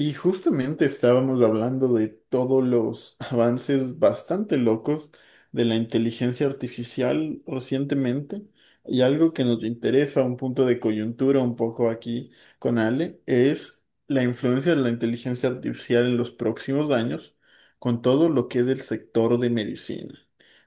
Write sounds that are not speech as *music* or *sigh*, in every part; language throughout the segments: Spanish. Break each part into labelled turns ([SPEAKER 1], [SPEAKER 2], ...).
[SPEAKER 1] Y justamente estábamos hablando de todos los *laughs* avances bastante locos de la inteligencia artificial recientemente. Y algo que nos interesa, un punto de coyuntura un poco aquí con Ale, es la influencia de la inteligencia artificial en los próximos años con todo lo que es el sector de medicina.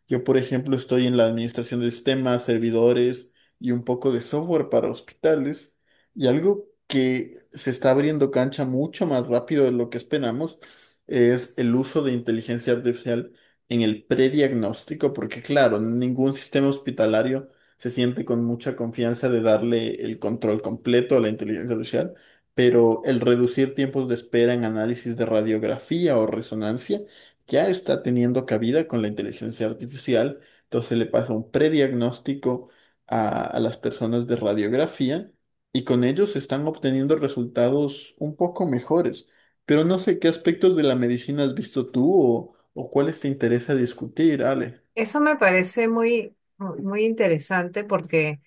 [SPEAKER 1] Yo, por ejemplo, estoy en la administración de sistemas, servidores y un poco de software para hospitales. Y algo que se está abriendo cancha mucho más rápido de lo que esperamos es el uso de inteligencia artificial en el prediagnóstico, porque claro, ningún sistema hospitalario se siente con mucha confianza de darle el control completo a la inteligencia artificial, pero el reducir tiempos de espera en análisis de radiografía o resonancia ya está teniendo cabida con la inteligencia artificial, entonces le pasa un prediagnóstico a las personas de radiografía y con ellos están obteniendo resultados un poco mejores. Pero no sé qué aspectos de la medicina has visto tú o cuáles te interesa discutir, Ale.
[SPEAKER 2] Eso me parece muy, muy interesante porque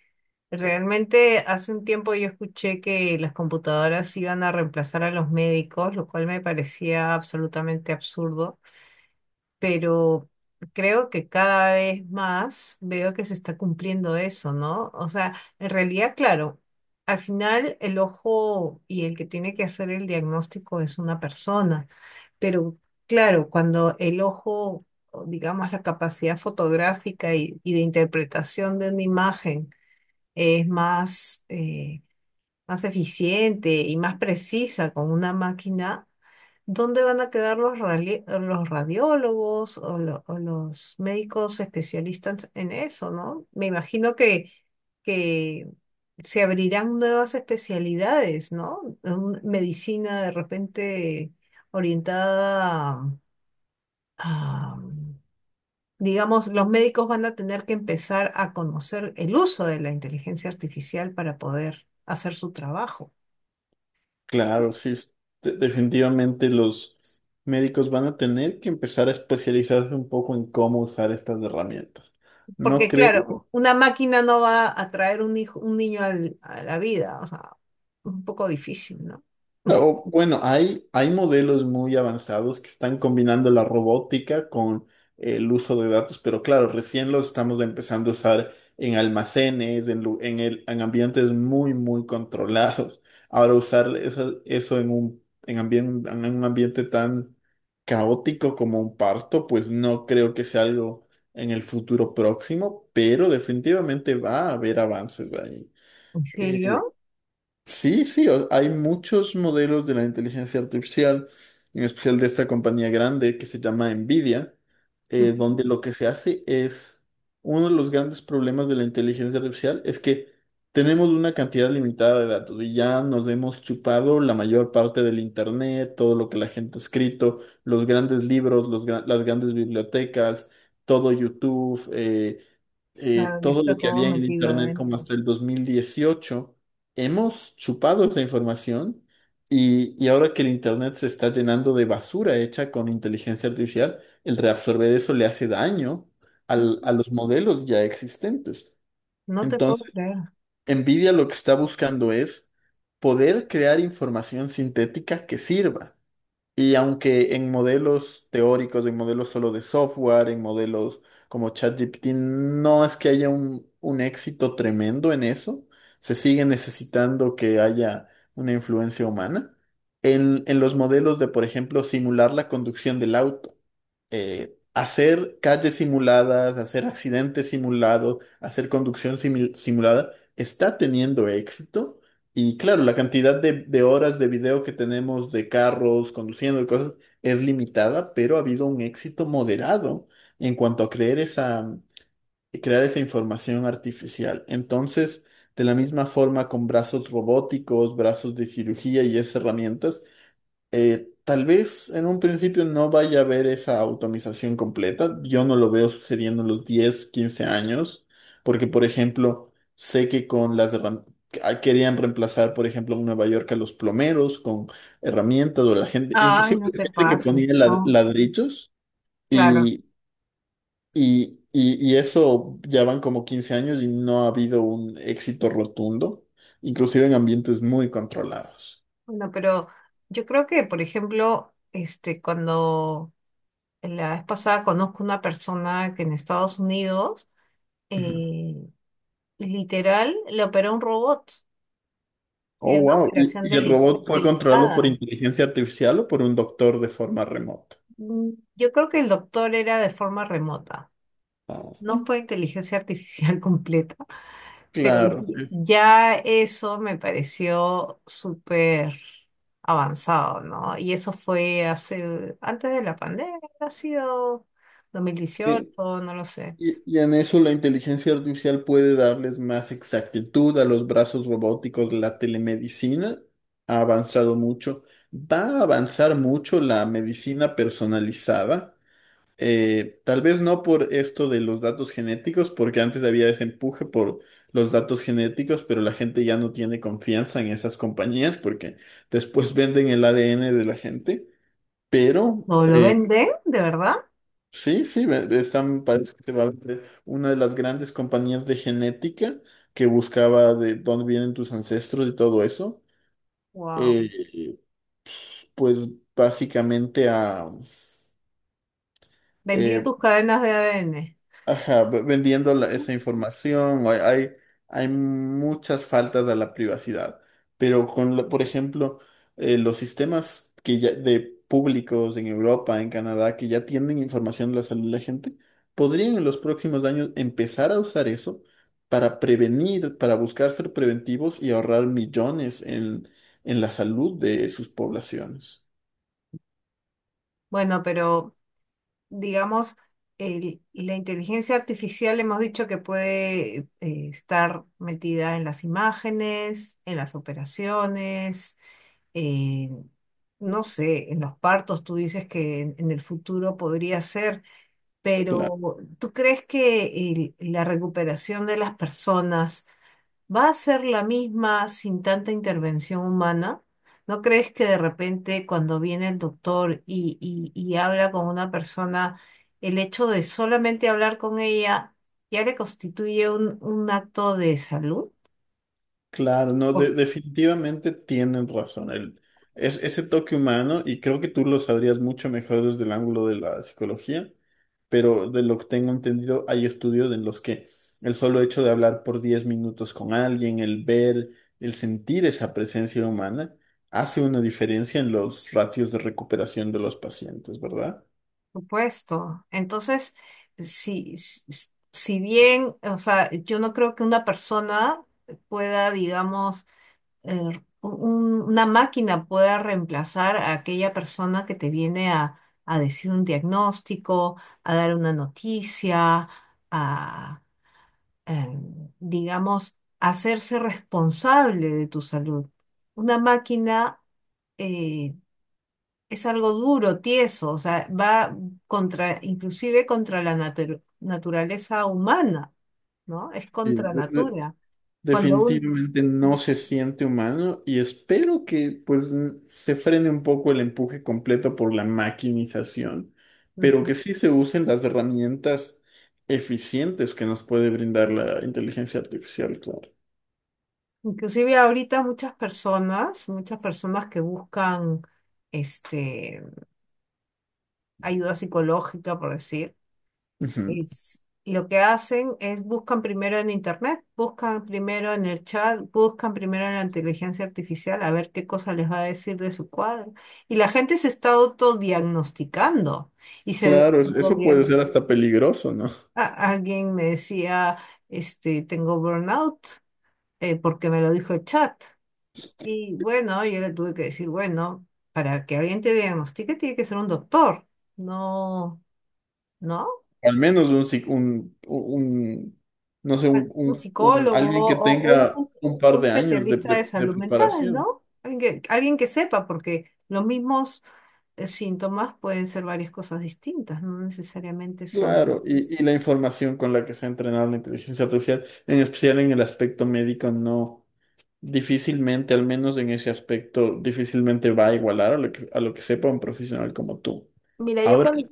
[SPEAKER 2] realmente hace un tiempo yo escuché que las computadoras iban a reemplazar a los médicos, lo cual me parecía absolutamente absurdo. Pero creo que cada vez más veo que se está cumpliendo eso, ¿no? O sea, en realidad, claro, al final el ojo y el que tiene que hacer el diagnóstico es una persona, pero claro, cuando el ojo, o digamos, la capacidad fotográfica y de interpretación de una imagen es más, más eficiente y más precisa con una máquina. ¿Dónde van a quedar los, los radiólogos o, o los médicos especialistas en eso, ¿no? Me imagino que se abrirán nuevas especialidades, ¿no? Medicina de repente orientada a, digamos, los médicos van a tener que empezar a conocer el uso de la inteligencia artificial para poder hacer su trabajo.
[SPEAKER 1] Claro, sí, definitivamente los médicos van a tener que empezar a especializarse un poco en cómo usar estas herramientas. No
[SPEAKER 2] Porque claro,
[SPEAKER 1] creo.
[SPEAKER 2] una máquina no va a traer un hijo, un niño a la vida, o sea, un poco difícil, ¿no?
[SPEAKER 1] O, bueno, hay modelos muy avanzados que están combinando la robótica con el uso de datos, pero claro, recién los estamos empezando a usar en almacenes, en, lu- en el, en ambientes muy, muy controlados. Ahora usar eso en en en un ambiente tan caótico como un parto, pues no creo que sea algo en el futuro próximo, pero definitivamente va a haber avances ahí.
[SPEAKER 2] ¿En
[SPEAKER 1] Eh,
[SPEAKER 2] serio?
[SPEAKER 1] Sí, sí, hay muchos modelos de la inteligencia artificial, en especial de esta compañía grande que se llama Nvidia,
[SPEAKER 2] Ujú.
[SPEAKER 1] donde lo que se hace es, uno de los grandes problemas de la inteligencia artificial es que tenemos una cantidad limitada de datos y ya nos hemos chupado la mayor parte del internet, todo lo que la gente ha escrito, los grandes libros, las grandes bibliotecas, todo YouTube.
[SPEAKER 2] Claro, ya
[SPEAKER 1] Todo lo
[SPEAKER 2] está
[SPEAKER 1] que
[SPEAKER 2] todo
[SPEAKER 1] había en el
[SPEAKER 2] metido
[SPEAKER 1] Internet como
[SPEAKER 2] adentro.
[SPEAKER 1] hasta el 2018 hemos chupado esa información y ahora que el Internet se está llenando de basura hecha con inteligencia artificial, el reabsorber eso le hace daño a los modelos ya existentes.
[SPEAKER 2] No te puedo
[SPEAKER 1] Entonces,
[SPEAKER 2] creer.
[SPEAKER 1] NVIDIA lo que está buscando es poder crear información sintética que sirva. Y aunque en modelos teóricos, en modelos solo de software, en modelos como ChatGPT, no es que haya un éxito tremendo en eso, se sigue necesitando que haya una influencia humana. En los modelos de, por ejemplo, simular la conducción del auto, hacer calles simuladas, hacer accidentes simulados, hacer conducción simulada, está teniendo éxito y claro, la cantidad de horas de video que tenemos de carros, conduciendo y cosas es limitada, pero ha habido un éxito moderado en cuanto a crear esa información artificial. Entonces, de la misma forma con brazos robóticos, brazos de cirugía y esas herramientas, tal vez en un principio no vaya a haber esa automatización completa. Yo no lo veo sucediendo en los 10 a 15 años, porque por ejemplo, sé que con las querían reemplazar, por ejemplo, en Nueva York a los plomeros con herramientas o la gente,
[SPEAKER 2] Ay,
[SPEAKER 1] inclusive
[SPEAKER 2] no te
[SPEAKER 1] gente que
[SPEAKER 2] pases,
[SPEAKER 1] ponía
[SPEAKER 2] no.
[SPEAKER 1] ladrillos
[SPEAKER 2] Claro.
[SPEAKER 1] y, y eso ya van como 15 años y no ha habido un éxito rotundo, inclusive en ambientes muy controlados.
[SPEAKER 2] Bueno, pero yo creo que, por ejemplo, este, cuando la vez pasada conozco una persona que en Estados Unidos, eh, literal, le operó un robot y
[SPEAKER 1] Oh,
[SPEAKER 2] era una
[SPEAKER 1] wow.
[SPEAKER 2] operación
[SPEAKER 1] Y el robot fue controlado por
[SPEAKER 2] delicada.
[SPEAKER 1] inteligencia artificial o por un doctor de forma remota?
[SPEAKER 2] Mm, yo creo que el doctor era de forma remota.
[SPEAKER 1] Ah,
[SPEAKER 2] No fue inteligencia artificial *laughs* completa, pero
[SPEAKER 1] claro.
[SPEAKER 2] ya eso me pareció súper avanzado, ¿no? Y eso fue hace, antes de la pandemia, ha sido dos mil
[SPEAKER 1] Y,
[SPEAKER 2] dieciocho no lo sé.
[SPEAKER 1] y en eso la inteligencia artificial puede darles más exactitud a los brazos robóticos. La telemedicina ha avanzado mucho. Va a avanzar mucho la medicina personalizada. Tal vez no por esto de los datos genéticos, porque antes había ese empuje por los datos genéticos, pero la gente ya no tiene confianza en esas compañías porque después *laughs* venden el ADN de la gente. Pero
[SPEAKER 2] ¿No lo venden, de verdad?
[SPEAKER 1] sí, sí, están, parece que se va a vender una de las grandes compañías de genética que buscaba de dónde vienen tus ancestros y todo eso.
[SPEAKER 2] Wow.
[SPEAKER 1] eh, pues básicamente a
[SPEAKER 2] Vendía
[SPEAKER 1] eh,
[SPEAKER 2] tus cadenas de ADN.
[SPEAKER 1] ajá, vendiendo esa información, o hay, hay muchas faltas a la privacidad, pero por ejemplo, los sistemas que ya, de públicos en Europa, en Canadá, que ya tienen información de la salud de la gente, podrían en los próximos años empezar a usar eso para prevenir, para buscar ser preventivos y ahorrar millones en la salud de sus poblaciones.
[SPEAKER 2] Bueno, pero digamos, la inteligencia artificial hemos dicho que puede estar metida en las imágenes, en las operaciones, en, no sé, en los partos, tú dices que en el futuro podría ser,
[SPEAKER 1] Qué
[SPEAKER 2] pero ¿tú crees que la recuperación de las personas va a ser la misma sin tanta intervención humana? ¿No crees que de repente cuando viene el doctor y habla con una persona, el hecho de solamente hablar con ella ya le constituye un acto de salud?
[SPEAKER 1] Claro, no,
[SPEAKER 2] Por
[SPEAKER 1] definitivamente tienen razón. Ese toque humano, y creo que tú lo sabrías mucho mejor desde el ángulo de la psicología, pero de lo que tengo entendido, hay estudios en los que el solo hecho de hablar por 10 minutos con alguien, el ver, el sentir esa presencia humana, hace una diferencia en los ratios de recuperación de los pacientes, ¿verdad?
[SPEAKER 2] supuesto. Entonces, si, si bien, o sea, yo no creo que una persona pueda, digamos, una máquina pueda reemplazar a aquella persona que te viene a decir un diagnóstico, a dar una noticia, a, digamos, hacerse responsable de tu salud. Una máquina, eh, es algo duro, tieso, o sea, va contra, inclusive contra la naturaleza humana, ¿no? Es
[SPEAKER 1] Sí,
[SPEAKER 2] contra natura. Cuando
[SPEAKER 1] definitivamente no se siente humano y espero que pues se frene un poco el empuje completo por la maquinización, pero que
[SPEAKER 2] un...
[SPEAKER 1] sí se usen las herramientas eficientes que nos puede brindar la inteligencia artificial, claro.
[SPEAKER 2] Inclusive ahorita muchas personas que buscan este, ayuda psicológica, por decir,
[SPEAKER 1] Ujú.
[SPEAKER 2] lo que hacen es buscan primero en internet, buscan primero en el chat, buscan primero en la inteligencia artificial a ver qué cosa les va a decir de su cuadro. Y la gente se está autodiagnosticando y se
[SPEAKER 1] Claro, eso puede ser
[SPEAKER 2] autodiagnostica.
[SPEAKER 1] hasta peligroso, ¿no?
[SPEAKER 2] Alguien me decía, este, tengo burnout, porque me lo dijo el chat. Y bueno, yo le tuve que decir, bueno, para que alguien te diagnostique tiene que ser un doctor, no, ¿no?
[SPEAKER 1] Al menos un, psic- un- no sé,
[SPEAKER 2] Un psicólogo
[SPEAKER 1] alguien que
[SPEAKER 2] o
[SPEAKER 1] tenga un par
[SPEAKER 2] un
[SPEAKER 1] de años de
[SPEAKER 2] especialista de
[SPEAKER 1] de
[SPEAKER 2] salud mental,
[SPEAKER 1] preparación.
[SPEAKER 2] ¿no? Alguien que sepa, porque los mismos síntomas pueden ser varias cosas distintas, no necesariamente son
[SPEAKER 1] Claro,
[SPEAKER 2] eso.
[SPEAKER 1] y la información con la que se ha entrenado la inteligencia artificial, en especial en el aspecto médico, no, difícilmente, al menos en ese aspecto, difícilmente va a igualar a lo que sepa un profesional como tú.
[SPEAKER 2] Mira, yo
[SPEAKER 1] Ahora,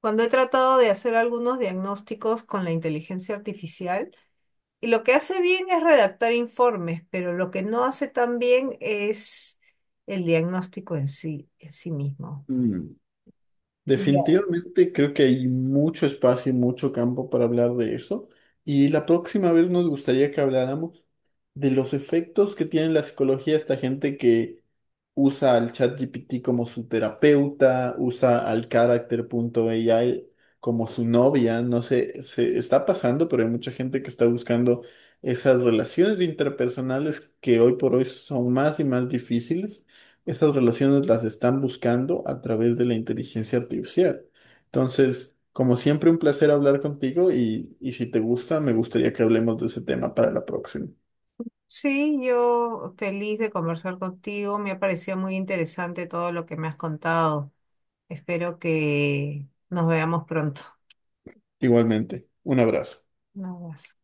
[SPEAKER 2] cuando he tratado de hacer algunos diagnósticos con la inteligencia artificial, y lo que hace bien es redactar informes, pero lo que no hace tan bien es el diagnóstico en sí mismo.
[SPEAKER 1] mm,
[SPEAKER 2] Y ya.
[SPEAKER 1] definitivamente creo que hay mucho espacio y mucho campo para hablar de eso. Y la próxima vez nos gustaría que habláramos de los efectos que tiene en la psicología esta gente que usa al ChatGPT como su terapeuta, usa al Character.ai como su novia. No sé, se está pasando, pero hay mucha gente que está buscando esas relaciones interpersonales que hoy por hoy son más y más difíciles. Esas relaciones las están buscando a través de la inteligencia artificial. Entonces, como siempre, un placer hablar contigo y si te gusta, me gustaría que hablemos de ese tema para la próxima.
[SPEAKER 2] Sí, yo feliz de conversar contigo. Me ha parecido muy interesante todo lo que me has contado. Espero que nos veamos pronto.
[SPEAKER 1] Igualmente, un abrazo.
[SPEAKER 2] Un abrazo.